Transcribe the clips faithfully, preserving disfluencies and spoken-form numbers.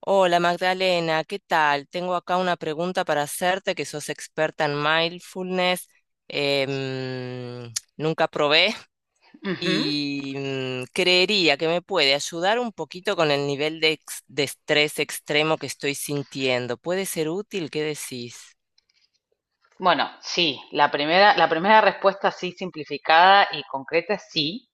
Hola Magdalena, ¿qué tal? Tengo acá una pregunta para hacerte, que sos experta en mindfulness. em, nunca probé Ujú. y mm, creería que me puede ayudar un poquito con el nivel de, ex- de estrés extremo que estoy sintiendo. ¿Puede ser útil? ¿Qué decís? Bueno, sí, la primera, la primera respuesta así simplificada y concreta es sí.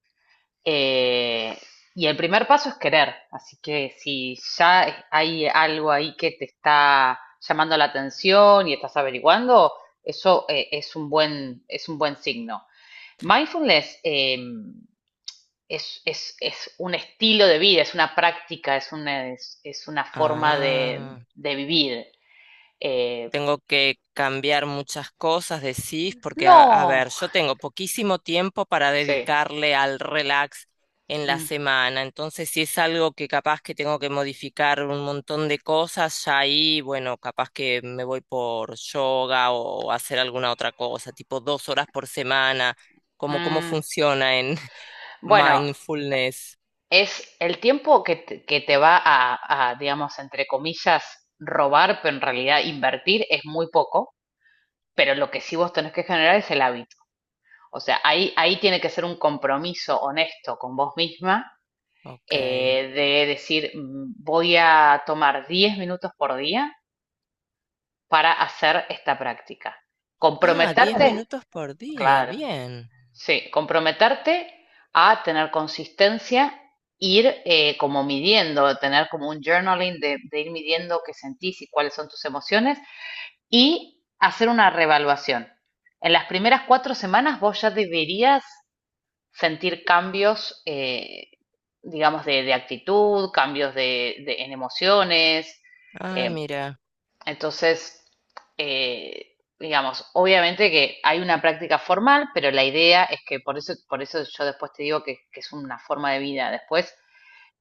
Eh, y el primer paso es querer. Así que si ya hay algo ahí que te está llamando la atención y estás averiguando, eso eh, es un buen, es un buen signo. Mindfulness eh, es, es, es un estilo de vida, es una práctica, es una, es, es una forma de, Ah. de vivir. Eh, Tengo que cambiar muchas cosas, decís, porque a, a no, ver, yo tengo poquísimo tiempo para sí. dedicarle al relax en la Mm. semana, entonces si es algo que capaz que tengo que modificar un montón de cosas, ya ahí, bueno, capaz que me voy por yoga o hacer alguna otra cosa, tipo dos horas por semana, como cómo Mm, funciona en bueno, mindfulness. es el tiempo que te, que te va a, a, digamos, entre comillas, robar, pero en realidad invertir es muy poco, pero lo que sí vos tenés que generar es el hábito. O sea, ahí, ahí tiene que ser un compromiso honesto con vos misma Ok. eh, de decir, "Mm, voy a tomar diez minutos por día para hacer esta práctica." Claro, Ah, diez comprometerte, minutos por día, claro, bien. sí, comprometerte a tener consistencia, ir eh, como midiendo, tener como un journaling de, de ir midiendo qué sentís y cuáles son tus emociones y hacer una reevaluación. En las primeras cuatro semanas vos ya deberías sentir cambios, eh, digamos, de, de actitud, cambios de, de- en emociones, Ah, eh, mira, entonces, eh, digamos, obviamente que hay una práctica formal, pero la idea es que por eso, por eso yo después te digo que, que es una forma de vida. Después,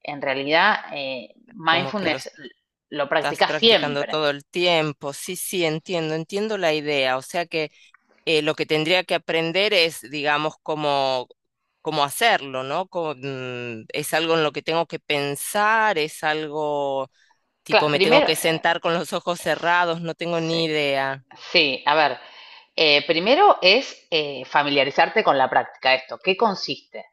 en realidad, eh, como que los mindfulness lo estás practicas practicando siempre. todo el tiempo. Sí, sí, entiendo, entiendo la idea. O sea que eh, lo que tendría que aprender es, digamos, cómo, cómo hacerlo, ¿no? Cómo, mm, es algo en lo que tengo que pensar, es algo tipo Claro, me tengo primero, que eh, sentar con los ojos cerrados, no tengo ni sí, idea. sí, a ver, eh, primero es eh, familiarizarte con la práctica de esto. ¿Qué consiste?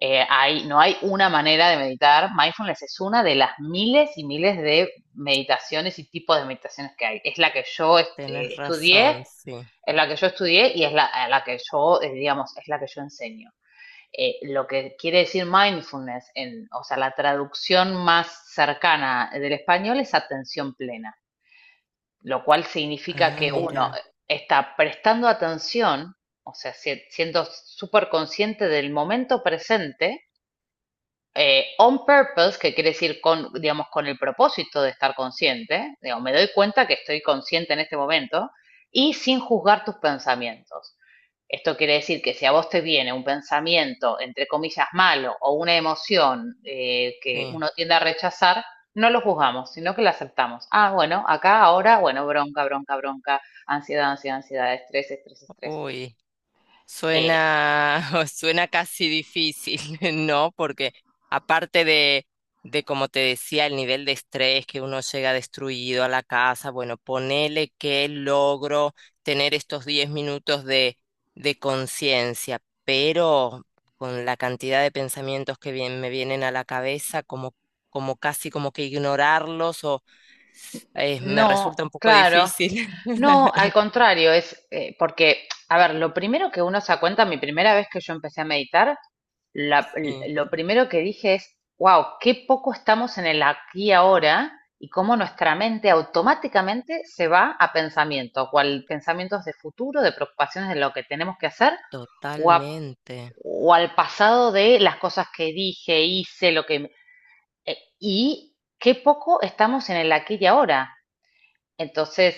Eh, hay, no hay una manera de meditar. Mindfulness es una de las miles y miles de meditaciones y tipos de meditaciones que hay. Es la que yo est- eh, Tenés estudié, razón, sí. es la que yo estudié y es la, a la que yo, eh, digamos, es la que yo enseño. Eh, lo que quiere decir mindfulness, en, o sea, la traducción más cercana del español es atención plena, lo cual significa Ah, que uno mira, está prestando atención, o sea, si- siendo súper consciente del momento presente, eh, on purpose, que quiere decir con, digamos, con el propósito de estar consciente, digo, me doy cuenta que estoy consciente en este momento, y sin juzgar tus pensamientos. Esto quiere decir que si a vos te viene un pensamiento, entre comillas, malo o una emoción eh, que sí. uno tiende a rechazar, no lo juzgamos, sino que la aceptamos. Ah, bueno, acá ahora, bueno, bronca, bronca, bronca, ansiedad, ansiedad, ansiedad, estrés, estrés, estrés. Uy. Eh, Suena, suena casi difícil, ¿no? Porque aparte de, de, como te decía, el nivel de estrés que uno llega destruido a la casa, bueno, ponele que logro tener estos diez minutos de, de conciencia, pero con la cantidad de pensamientos que vien- me vienen a la cabeza, como, como casi como que ignorarlos o eh, me No, resulta un poco claro. difícil. No, al contrario, es eh, porque, a ver, lo primero que uno se da cuenta, mi primera vez que yo empecé a meditar, la- l- Sí, lo primero que dije es, wow, qué poco estamos en el aquí y ahora y cómo nuestra mente automáticamente se va a pensamientos, o al pensamientos de futuro, de preocupaciones de lo que tenemos que hacer, o, a- totalmente. o al pasado de las cosas que dije, hice, lo que... eh, y qué poco estamos en el aquí y ahora. Entonces,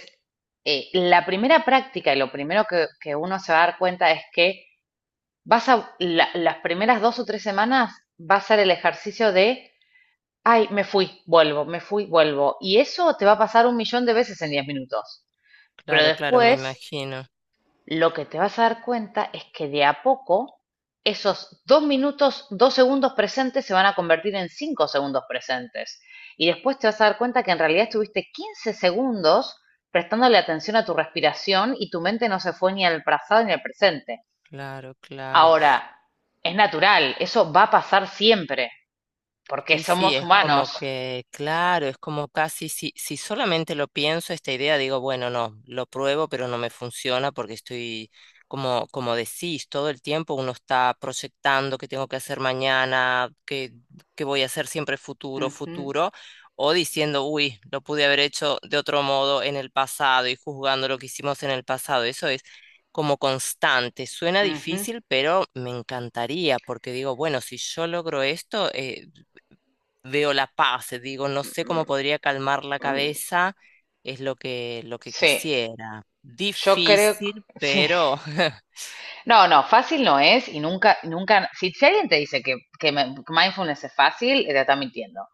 eh, la primera práctica y lo primero que, que uno se va a dar cuenta es que vas a, la- las primeras dos o tres semanas va a ser el ejercicio de, ay, me fui, vuelvo, me fui, vuelvo. Y eso te va a pasar un millón de veces en diez minutos. Pero Claro, claro, me después imagino. lo que te vas a dar cuenta es que de a poco esos dos minutos, dos segundos presentes se van a convertir en cinco segundos presentes. Y después te vas a dar cuenta que en realidad estuviste quince segundos prestándole atención a tu respiración y tu mente no se fue ni al pasado ni al presente. Claro, claro. Ahora, es natural, eso va a pasar siempre, porque Sí, sí, somos es como humanos. que, claro, es como casi si, si solamente lo pienso, esta idea, digo, bueno, no, lo pruebo, pero no me funciona porque estoy, como, como decís, todo el tiempo uno está proyectando qué tengo que hacer mañana, qué, qué voy a hacer siempre futuro, Ujú, futuro, o diciendo, uy, lo pude haber hecho de otro modo en el pasado y juzgando lo que hicimos en el pasado. Eso como constante. Suena ujú. difícil, pero me encantaría, porque digo, bueno, si yo logro esto, eh, veo la paz, eh, digo, no sé Mm, cómo podría calmar la mm. cabeza, es lo que, lo que Sí, quisiera. yo creo, Difícil, sí. pero. No, no, fácil no es y nunca, nunca, si, si alguien te dice que, que me- que mindfulness es fácil, eh, te está mintiendo.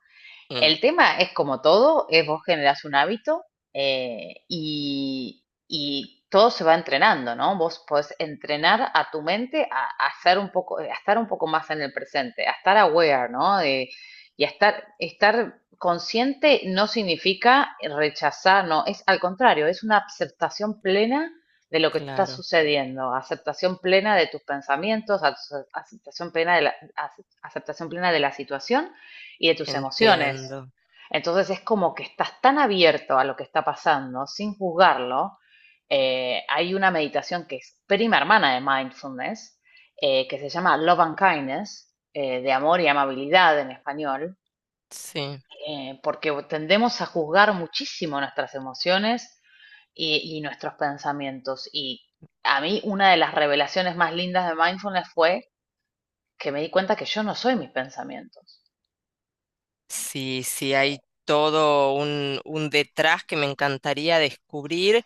Mm, El tema es como todo, es vos generás un hábito eh, y, y todo se va entrenando, ¿no? Vos podés entrenar a tu mente a, a ser un poco, a estar un poco más en el presente, a estar aware, ¿no? De- y a estar, estar consciente no significa rechazar, no, es al contrario, es una aceptación plena de lo que está claro, sucediendo, aceptación plena de tus pensamientos, ace- aceptación plena de la, ace- aceptación plena de la situación y de tus emociones. entiendo. Entonces es como que estás tan abierto a lo que está pasando, sin juzgarlo. Eh, hay una meditación que es prima hermana de mindfulness, eh, que se llama Love and Kindness, eh, de amor y amabilidad en español, Sí. eh, porque tendemos a juzgar muchísimo nuestras emociones y, y nuestros pensamientos. Y a mí una de las revelaciones más lindas de mindfulness fue que me di cuenta que yo no soy mis pensamientos. Sí, sí, hay todo un, un detrás que me encantaría descubrir.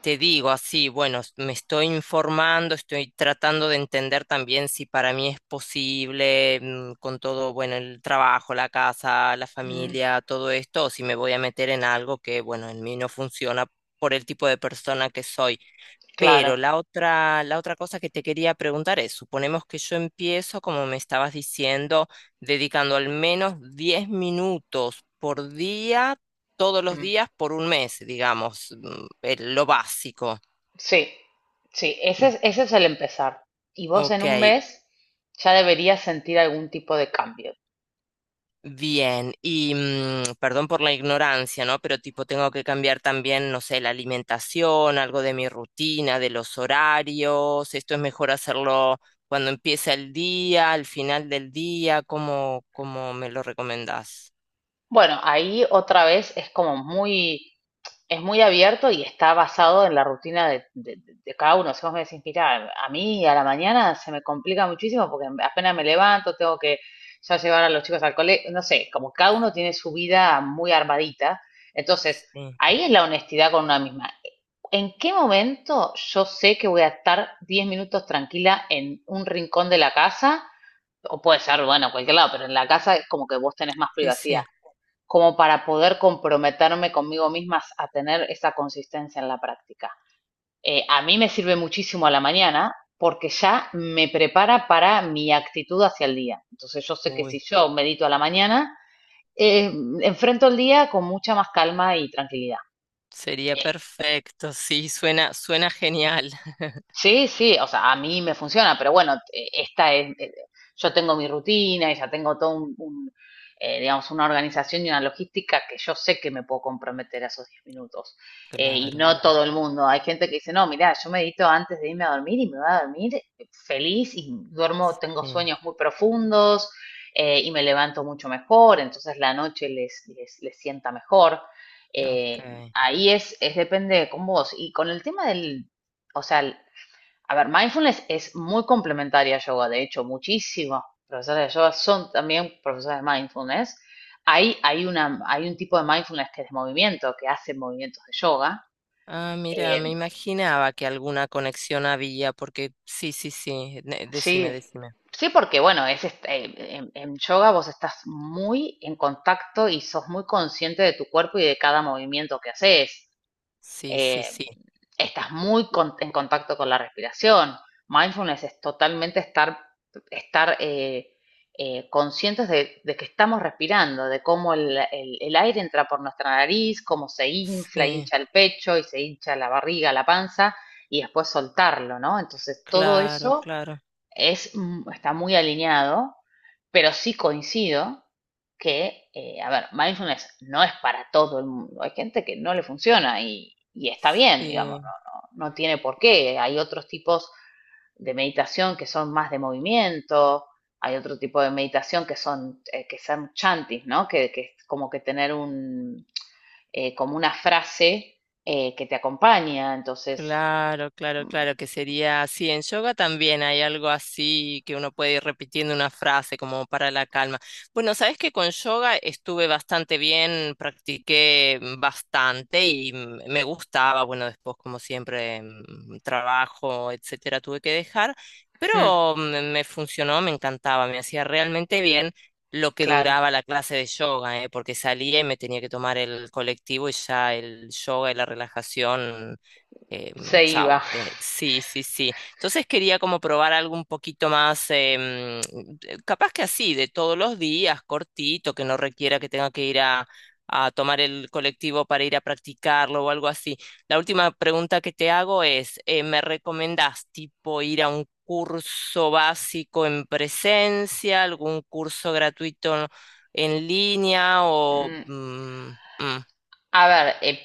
Te digo así, bueno, s- me estoy informando, estoy tratando de entender también si para mí es posible, mm, con todo, bueno, el trabajo, la casa, la Mm, familia, todo esto, o si me voy a meter en algo que, bueno, en mí no funciona por el tipo de persona que soy. claro. Pero la otra, la otra cosa que te quería preguntar es, suponemos que yo empiezo, como me estabas diciendo, dedicando al menos diez minutos por día, todos los Mm. días por un mes, digamos, mm, el- lo básico. Sí, sí, ese Mm, es, ese es el empezar. Y vos en ok, un mes ya deberías sentir algún tipo de cambio. bien. Y mm, perdón por la ignorancia, ¿no? Pero tipo, tengo que cambiar también, no sé, la alimentación, algo de mi rutina, de los horarios. Esto es mejor hacerlo cuando empieza el día, al final del día, ¿cómo, cómo me lo recomendás? Bueno, ahí otra vez es como muy, es muy abierto y está basado en la rutina de, de- de- de cada uno. Si vos me decís, mira, a mí a la mañana se me complica muchísimo porque apenas me levanto, tengo que ya llevar a los chicos al colegio, no sé, como cada uno tiene su vida muy armadita. Entonces, Sí, ahí es la honestidad con una misma. ¿En qué momento yo sé que voy a estar diez minutos tranquila en un rincón de la casa? O puede ser, bueno, cualquier lado, pero en la casa es como que vos tenés más sí, privacidad, sí. como para poder comprometerme conmigo misma a tener esa consistencia en la práctica. Eh, a mí me sirve muchísimo a la mañana porque ya me prepara para mi actitud hacia el día. Entonces yo sé que si Uy. yo medito a la mañana, eh, enfrento el día con mucha más calma y tranquilidad. Sería Eh, perfecto, sí, suena, suena genial. Sí, sí, o sea, a mí me funciona, pero bueno, eh, esta es, eh, yo tengo mi rutina y ya tengo todo un, un, eh, digamos, una organización y una logística que yo sé que me puedo comprometer a esos diez minutos. Eh, y Claro, no claro. todo el mundo, hay gente que dice, no, mira, yo medito antes de irme a dormir y me voy a dormir eh, feliz y duermo, tengo Sí, sueños muy profundos eh, y me levanto mucho mejor, entonces la noche les, les, les sienta mejor. Eh, ok. Ahí es, es depende con vos. Y con el tema del, o sea, a ver, mindfulness es muy complementaria a yoga, de hecho, muchísimos profesores de yoga son también profesores de mindfulness. Ahí hay, una, hay un tipo de mindfulness que es de movimiento, que hace movimientos de yoga. Ah, mira, me Eh, imaginaba que alguna conexión había, porque sí, sí, sí, ne- decime, sí, decime. sí, porque bueno, es est- eh, en, en yoga vos estás muy en contacto y sos muy consciente de tu cuerpo y de cada movimiento que haces. Sí, sí, eh, sí. Estás muy con- en contacto con la respiración. Mindfulness es totalmente estar, estar eh, eh, conscientes de, de que estamos respirando, de cómo el, el- el aire entra por nuestra nariz, cómo se infla, Sí, hincha el pecho y se hincha la barriga, la panza, y después soltarlo, ¿no? Entonces, todo claro, eso claro. es, mm, está muy alineado, pero sí coincido que, eh, a ver, mindfulness no es para todo el mundo. Hay gente que no le funciona y, y está bien, digamos, Sí. no, no, no tiene por qué. Hay otros tipos de meditación que son más de movimiento, hay otro tipo de meditación que son, eh, que son chantis, ¿no? Que, que es como que tener un, eh, como una frase eh, que te acompaña, entonces, Claro, claro, claro, que sería así. En yoga también hay algo así que uno puede ir repitiendo una frase como para la calma. Bueno, sabes que con yoga estuve bastante bien, practiqué bastante y m- me gustaba. Bueno, después, como siempre, mm, trabajo, etcétera, tuve que dejar, hmm, pero mm, me funcionó, me encantaba, me hacía realmente bien. Lo que claro, duraba la clase de yoga, ¿eh? Porque salía y me tenía que tomar el colectivo y ya el yoga y la relajación. Em, se iba. chau. Eh, sí, sí, sí. Entonces quería como probar algo un poquito más, em, eh, capaz que así, de todos los días, cortito, que no requiera que tenga que ir a, a tomar el colectivo para ir a practicarlo o algo así. La última pregunta que te hago es, eh, ¿me recomendás tipo ir a un curso básico en presencia, algún curso gratuito en línea o? Mm, Mm, mm, A ver, eh,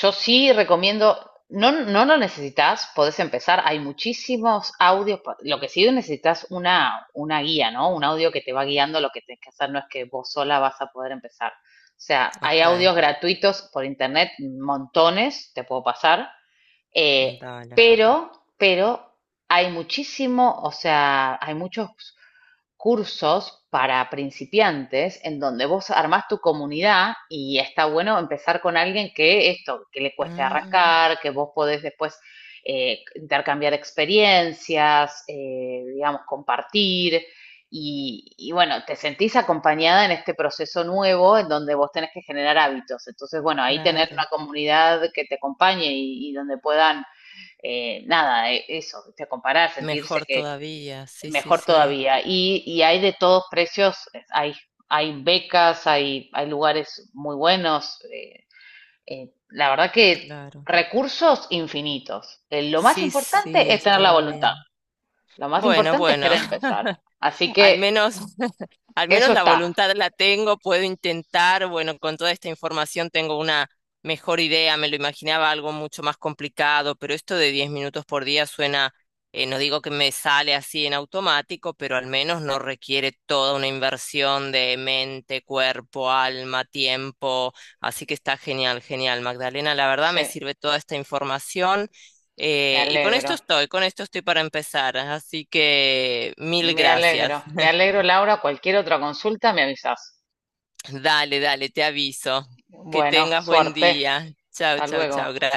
yo sí recomiendo, no, no lo necesitas, podés empezar, hay muchísimos audios, pa- lo que sí necesitas una, una guía, ¿no? Un audio que te va guiando, lo que tenés que hacer no es que vos sola vas a poder empezar. O sea, hay ok, audios gratuitos por internet, montones, te puedo pasar, eh, dale. pero, pero hay muchísimo, o sea, hay muchos cursos para principiantes en donde vos armás tu comunidad y está bueno empezar con alguien que esto, que le cueste Ah, arrancar, que vos podés después eh, intercambiar experiencias, eh, digamos, compartir. Y, y bueno, te sentís acompañada en este proceso nuevo en donde vos tenés que generar hábitos. Entonces, bueno, ahí tener una claro. comunidad que te acompañe y, y donde puedan, eh, nada, eh, eso, te comparar, sentirse Mejor que, todavía, sí, sí, mejor sí, todavía. Y, y hay de todos precios, hay, hay becas, hay, hay lugares muy buenos. Eh, eh, la verdad que claro. recursos infinitos. Eh, lo más Sí, sí, importante es tener la estaba voluntad. bien. Lo más Bueno, importante es bueno. querer empezar. Así Al que menos, al eso menos la está. voluntad la tengo, puedo intentar, bueno, con toda esta información tengo una mejor idea, me lo imaginaba algo mucho más complicado, pero esto de diez minutos por día suena, eh, no digo que me sale así en automático, pero al menos no requiere toda una inversión de mente, cuerpo, alma, tiempo, así que está genial, genial, Magdalena, la verdad me Sí, sirve toda esta información. me Eh, y con esto alegro. estoy, con esto estoy para empezar, así que mil Me gracias. alegro. Me alegro, Laura. Cualquier otra consulta me avisas. Dale, dale, te aviso. Que Bueno, tengas buen suerte. día. Chao, Hasta chao, chao. luego. Gracias.